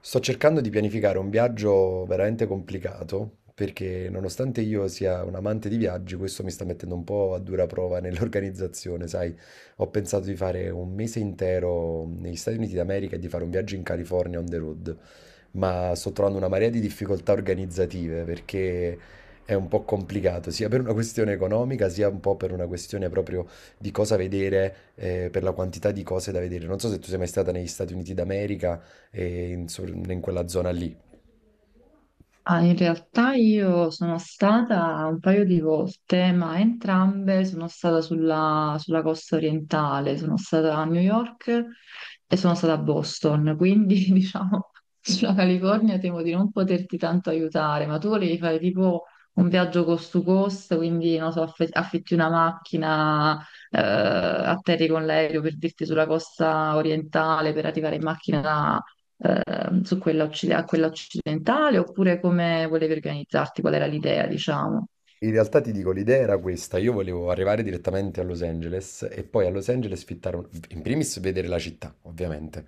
Sto cercando di pianificare un viaggio veramente complicato, perché nonostante io sia un amante di viaggi, questo mi sta mettendo un po' a dura prova nell'organizzazione, sai? Ho pensato di fare un mese intero negli Stati Uniti d'America e di fare un viaggio in California on the road, ma sto trovando una marea di difficoltà organizzative perché è un po' complicato, sia per una questione economica, sia un po' per una questione proprio di cosa vedere, per la quantità di cose da vedere. Non so se tu sei mai stata negli Stati Uniti d'America e in quella zona lì. Ah, in realtà io sono stata un paio di volte, ma entrambe sono stata sulla costa orientale, sono stata a New York e sono stata a Boston, quindi diciamo sulla California temo di non poterti tanto aiutare, ma tu volevi fare tipo un viaggio cost to cost, quindi non so, affitti una macchina, atterri con l'aereo per dirti sulla costa orientale per arrivare in macchina su a quella occidentale, oppure come volevi organizzarti, qual era l'idea, diciamo. In realtà ti dico, l'idea era questa, io volevo arrivare direttamente a Los Angeles e poi a Los Angeles fittare, in primis vedere la città, ovviamente.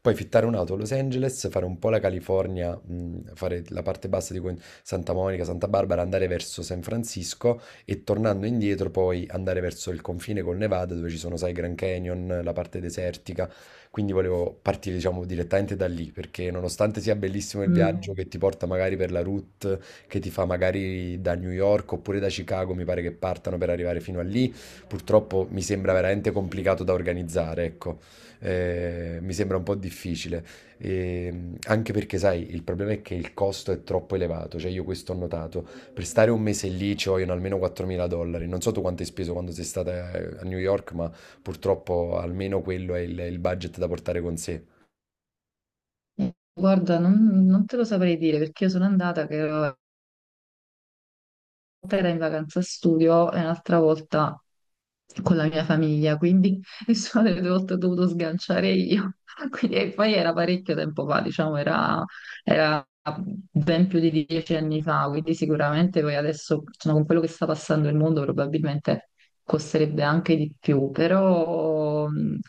Poi fittare un'auto a Los Angeles, fare un po' la California, fare la parte bassa di Santa Monica, Santa Barbara, andare verso San Francisco e tornando indietro poi andare verso il confine col Nevada dove ci sono, sai, Grand Canyon, la parte desertica. Quindi volevo partire, diciamo, direttamente da lì, perché nonostante sia bellissimo il Mm. viaggio che ti porta magari per la route, che ti fa magari da New York oppure da Chicago, mi pare che partano per arrivare fino a lì, purtroppo mi sembra veramente complicato da organizzare, ecco, mi sembra un po' difficile. E anche perché, sai, il problema è che il costo è troppo elevato. Cioè, io questo ho notato. Per stare un mese lì ci vogliono almeno 4.000 dollari. Non so tu quanto hai speso quando sei stata a New York, ma purtroppo almeno quello è il budget da portare con sé. Guarda, non te lo saprei dire perché io sono andata che ero volta era in vacanza studio e un'altra volta con la mia famiglia, quindi nessuna delle due volte ho dovuto sganciare io. Quindi, e poi era parecchio tempo fa, diciamo, era ben più di 10 anni fa, quindi sicuramente poi adesso, insomma, con quello che sta passando il mondo, probabilmente costerebbe anche di più, però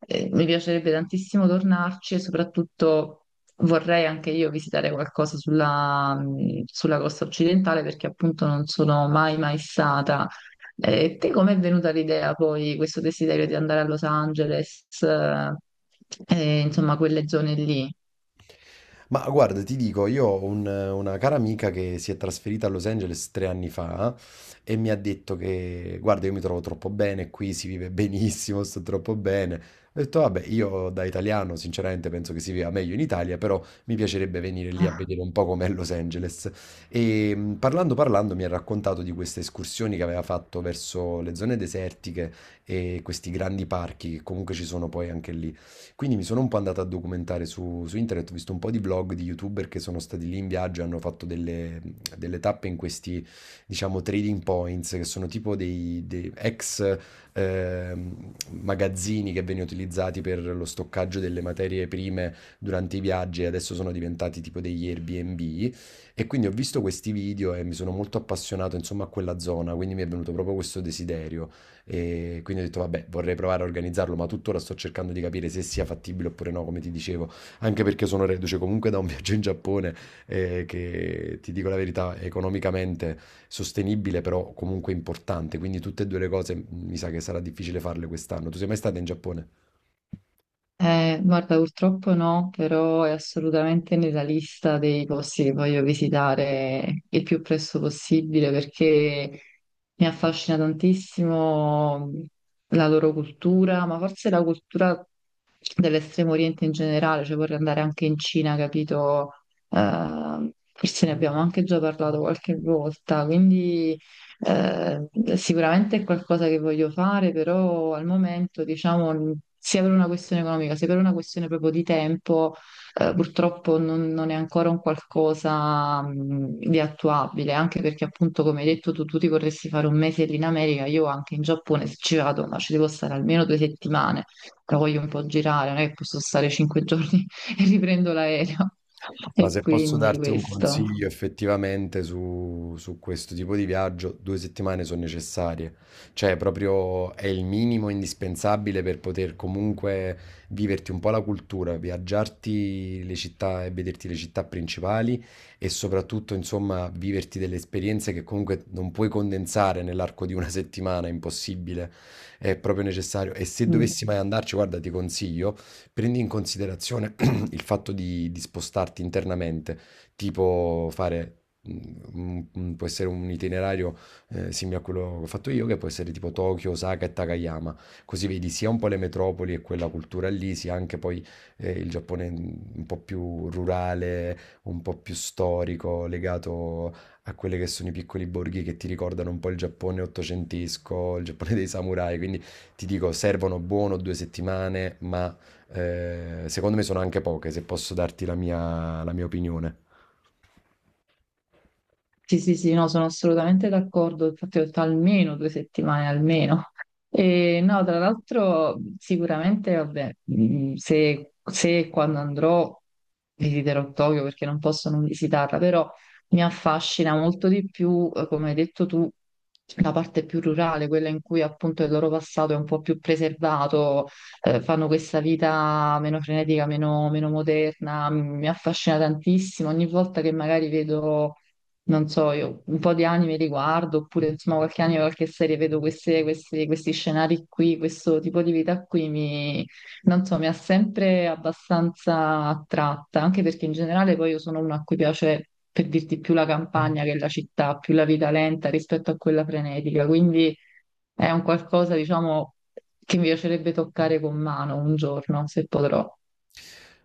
mi piacerebbe tantissimo tornarci e soprattutto vorrei anche io visitare qualcosa sulla, sulla costa occidentale perché appunto non sono mai mai stata. Te com'è venuta l'idea poi, questo desiderio di andare a Los Angeles, e, insomma, quelle zone lì? Ma guarda, ti dico, io ho una cara amica che si è trasferita a Los Angeles 3 anni fa e mi ha detto che, guarda, io mi trovo troppo bene qui, si vive benissimo, sto troppo bene. Ho detto, vabbè, io da italiano sinceramente penso che si viva meglio in Italia, però mi piacerebbe venire lì a vedere un po' com'è Los Angeles. E parlando parlando mi ha raccontato di queste escursioni che aveva fatto verso le zone desertiche e questi grandi parchi che comunque ci sono poi anche lì, quindi mi sono un po' andato a documentare su internet, ho visto un po' di vlog di YouTuber che sono stati lì in viaggio e hanno fatto delle tappe in questi, diciamo, trading points, che sono tipo dei ex magazzini che venivano utilizzati per lo stoccaggio delle materie prime durante i viaggi e adesso sono diventati tipo degli Airbnb. E quindi ho visto questi video e mi sono molto appassionato, insomma, a quella zona, quindi mi è venuto proprio questo desiderio. E quindi ho detto, vabbè, vorrei provare a organizzarlo, ma tuttora sto cercando di capire se sia fattibile oppure no, come ti dicevo, anche perché sono reduce comunque da un viaggio in Giappone, che ti dico la verità, è economicamente sostenibile, però comunque importante. Quindi tutte e due le cose mi sa che sarà difficile farle quest'anno. Tu sei mai stata in Giappone? Guarda, purtroppo no, però è assolutamente nella lista dei posti che voglio visitare il più presto possibile perché mi affascina tantissimo la loro cultura, ma forse la cultura dell'estremo oriente in generale, cioè vorrei andare anche in Cina, capito? Forse ne abbiamo anche già parlato qualche volta, quindi eh, sicuramente è qualcosa che voglio fare, però al momento, diciamo, sia per una questione economica, sia per una questione proprio di tempo, purtroppo non è ancora un qualcosa di attuabile, anche perché appunto, come hai detto, tu ti vorresti fare 1 mese lì in America, io anche in Giappone, se ci vado, ma ci devo stare almeno 2 settimane la voglio un po' girare, non è che posso stare 5 giorni e riprendo l'aereo. Ma E se posso quindi darti un questo. consiglio effettivamente su questo tipo di viaggio, 2 settimane sono necessarie. Cioè, proprio è il minimo indispensabile per poter comunque viverti un po' la cultura, viaggiarti le città e vederti le città principali e soprattutto, insomma, viverti delle esperienze che comunque non puoi condensare nell'arco di una settimana, è impossibile, è proprio necessario. E se Mm. dovessi mai andarci, guarda, ti consiglio, prendi in considerazione il fatto di spostarti internamente, tipo fare, può essere un itinerario simile a quello che ho fatto io, che può essere tipo Tokyo, Osaka e Takayama, così vedi sia un po' le metropoli e quella cultura lì, sia anche poi il Giappone un po' più rurale, un po' più storico, legato a quelli che sono i piccoli borghi che ti ricordano un po' il Giappone ottocentesco, il Giappone dei samurai, quindi ti dico, servono buono 2 settimane, ma secondo me sono anche poche, se posso darti la mia opinione. Sì, sì, sì, no, sono assolutamente d'accordo, infatti ho detto almeno 2 settimane, almeno. E no, tra l'altro sicuramente, vabbè, se e quando andrò visiterò Tokyo perché non posso non visitarla, però mi affascina molto di più, come hai detto tu, la parte più rurale, quella in cui appunto il loro passato è un po' più preservato, fanno questa vita meno frenetica, meno moderna, mi affascina tantissimo, ogni volta che magari vedo non so, io un po' di anime li guardo, oppure insomma qualche anime, qualche serie, vedo questi scenari qui, questo tipo di vita qui, mi, non so, mi ha sempre abbastanza attratta, anche perché in generale poi io sono una a cui piace, per dirti, più la campagna che la città, più la vita lenta rispetto a quella frenetica, quindi è un qualcosa, diciamo, che mi piacerebbe toccare con mano un giorno, se potrò.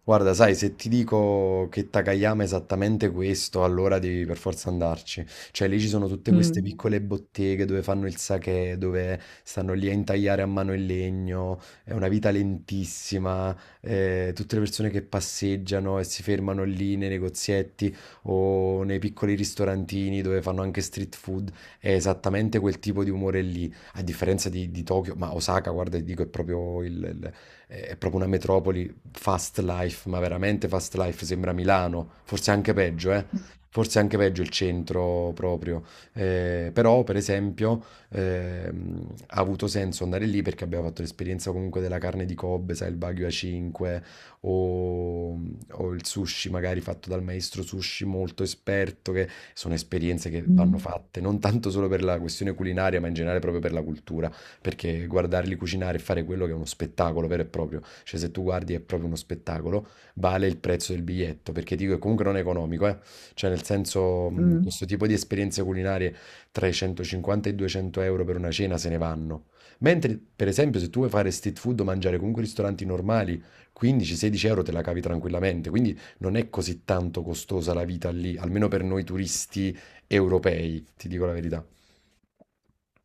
Guarda, sai, se ti dico che Takayama è esattamente questo, allora devi per forza andarci. Cioè, lì ci sono tutte queste Mm, piccole botteghe dove fanno il sake, dove stanno lì a intagliare a mano il legno, è una vita lentissima, tutte le persone che passeggiano e si fermano lì nei negozietti o nei piccoli ristorantini dove fanno anche street food, è esattamente quel tipo di umore lì, a differenza di Tokyo. Ma Osaka, guarda, ti dico, è proprio è proprio una metropoli fast life, ma veramente fast life, sembra Milano, forse anche peggio, eh. Forse anche peggio il centro proprio. Però, per esempio, ha avuto senso andare lì perché abbiamo fatto l'esperienza comunque della carne di Kobe, sai, il Wagyu A5, o, o il sushi magari fatto dal maestro sushi molto esperto, che sono esperienze che vanno mm, fatte, non tanto solo per la questione culinaria, ma in generale proprio per la cultura, perché guardarli cucinare e fare quello che è uno spettacolo vero e proprio, cioè, se tu guardi è proprio uno spettacolo, vale il prezzo del biglietto, perché dico che comunque non è economico, eh. Cioè, nel senso, mm. questo tipo di esperienze culinarie tra i 150 e i 200 euro per una cena se ne vanno. Mentre, per esempio, se tu vuoi fare street food o mangiare comunque ristoranti normali, 15-16 euro te la cavi tranquillamente, quindi non è così tanto costosa la vita lì, almeno per noi turisti europei, ti dico la verità.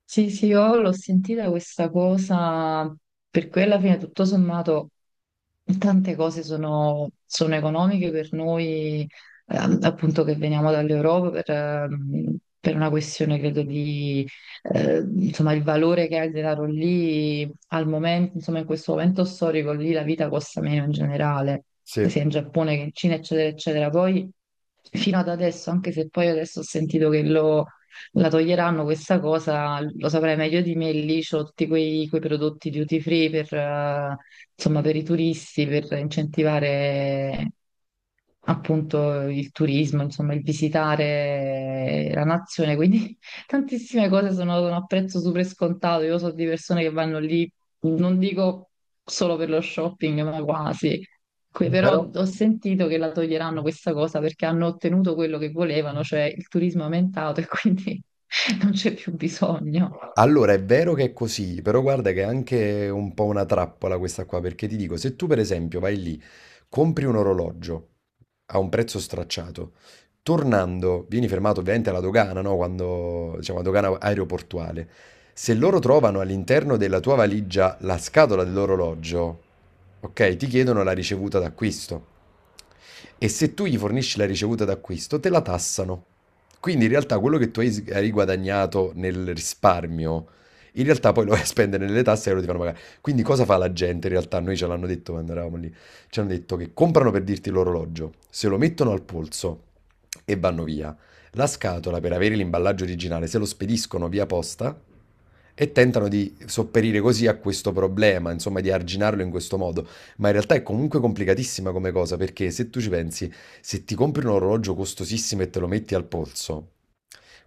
Sì, sì, io l'ho sentita questa cosa, per cui alla fine tutto sommato tante cose sono, sono economiche per noi, appunto che veniamo dall'Europa per una questione, credo, di insomma il valore che ha il denaro lì al momento, insomma in questo momento storico lì la vita costa meno in generale, Sì. sia in Giappone che in Cina, eccetera, eccetera. Poi fino ad adesso, anche se poi adesso ho sentito che lo la toglieranno questa cosa, lo saprai meglio di me, lì c'ho tutti quei prodotti duty free per, insomma, per i turisti, per incentivare appunto il turismo, insomma, il visitare la nazione, quindi tantissime cose sono, sono a prezzo super scontato. Io so di persone che vanno lì non dico solo per lo shopping, ma quasi. Que- Però Però, ho sentito che la toglieranno questa cosa perché hanno ottenuto quello che volevano, cioè il turismo è aumentato e quindi non c'è più bisogno. allora, è vero che è così, però guarda che è anche un po' una trappola questa qua, perché ti dico, se tu per esempio vai lì, compri un orologio, a un prezzo stracciato. Tornando, vieni fermato ovviamente alla dogana, no? Quando, diciamo, la dogana aeroportuale. Se loro trovano all'interno della tua valigia la scatola dell'orologio, ok, ti chiedono la ricevuta d'acquisto. E se tu gli fornisci la ricevuta d'acquisto, te la tassano. Quindi in realtà quello che tu hai hai guadagnato nel risparmio, in realtà poi lo vai a spendere nelle tasse e loro ti fanno pagare. Quindi cosa fa la gente in realtà? Noi ce l'hanno detto quando eravamo lì, ci hanno detto che comprano per dirti l'orologio, se lo mettono al polso e vanno via. La scatola per avere l'imballaggio originale se lo spediscono via posta e tentano di sopperire così a questo problema, insomma di arginarlo in questo modo. Ma in realtà è comunque complicatissima come cosa perché se tu ci pensi, se ti compri un orologio costosissimo e te lo metti al polso,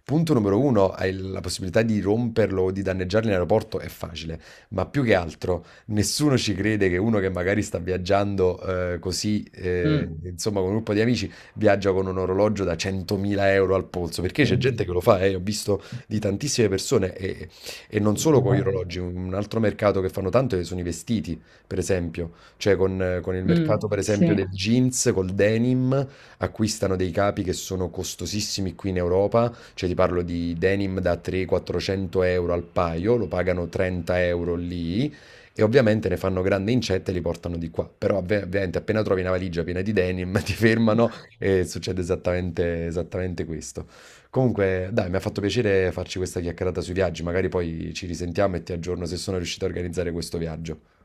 punto numero uno, hai la possibilità di romperlo o di danneggarlo in aeroporto è facile, ma più che altro nessuno ci crede che uno che magari sta viaggiando così, Mm, insomma, con un gruppo di amici, viaggia con un orologio da 100.000 euro al polso, perché c'è gente che lo fa, ho visto di tantissime persone e non solo con gli orologi, un altro mercato che fanno tanto sono i vestiti, per esempio, cioè con il mercato mm, per esempio sì. del jeans, col denim, acquistano dei capi che sono costosissimi qui in Europa, cioè ti parlo di denim da 300-400 euro al paio, lo pagano 30 euro lì e ovviamente ne fanno grande incetta e li portano di qua. Però ovviamente appena trovi una valigia piena di denim ti fermano e succede esattamente, esattamente questo. Comunque, dai, mi ha fatto piacere farci questa chiacchierata sui viaggi, magari poi ci risentiamo e ti aggiorno se sono riuscito a organizzare questo viaggio.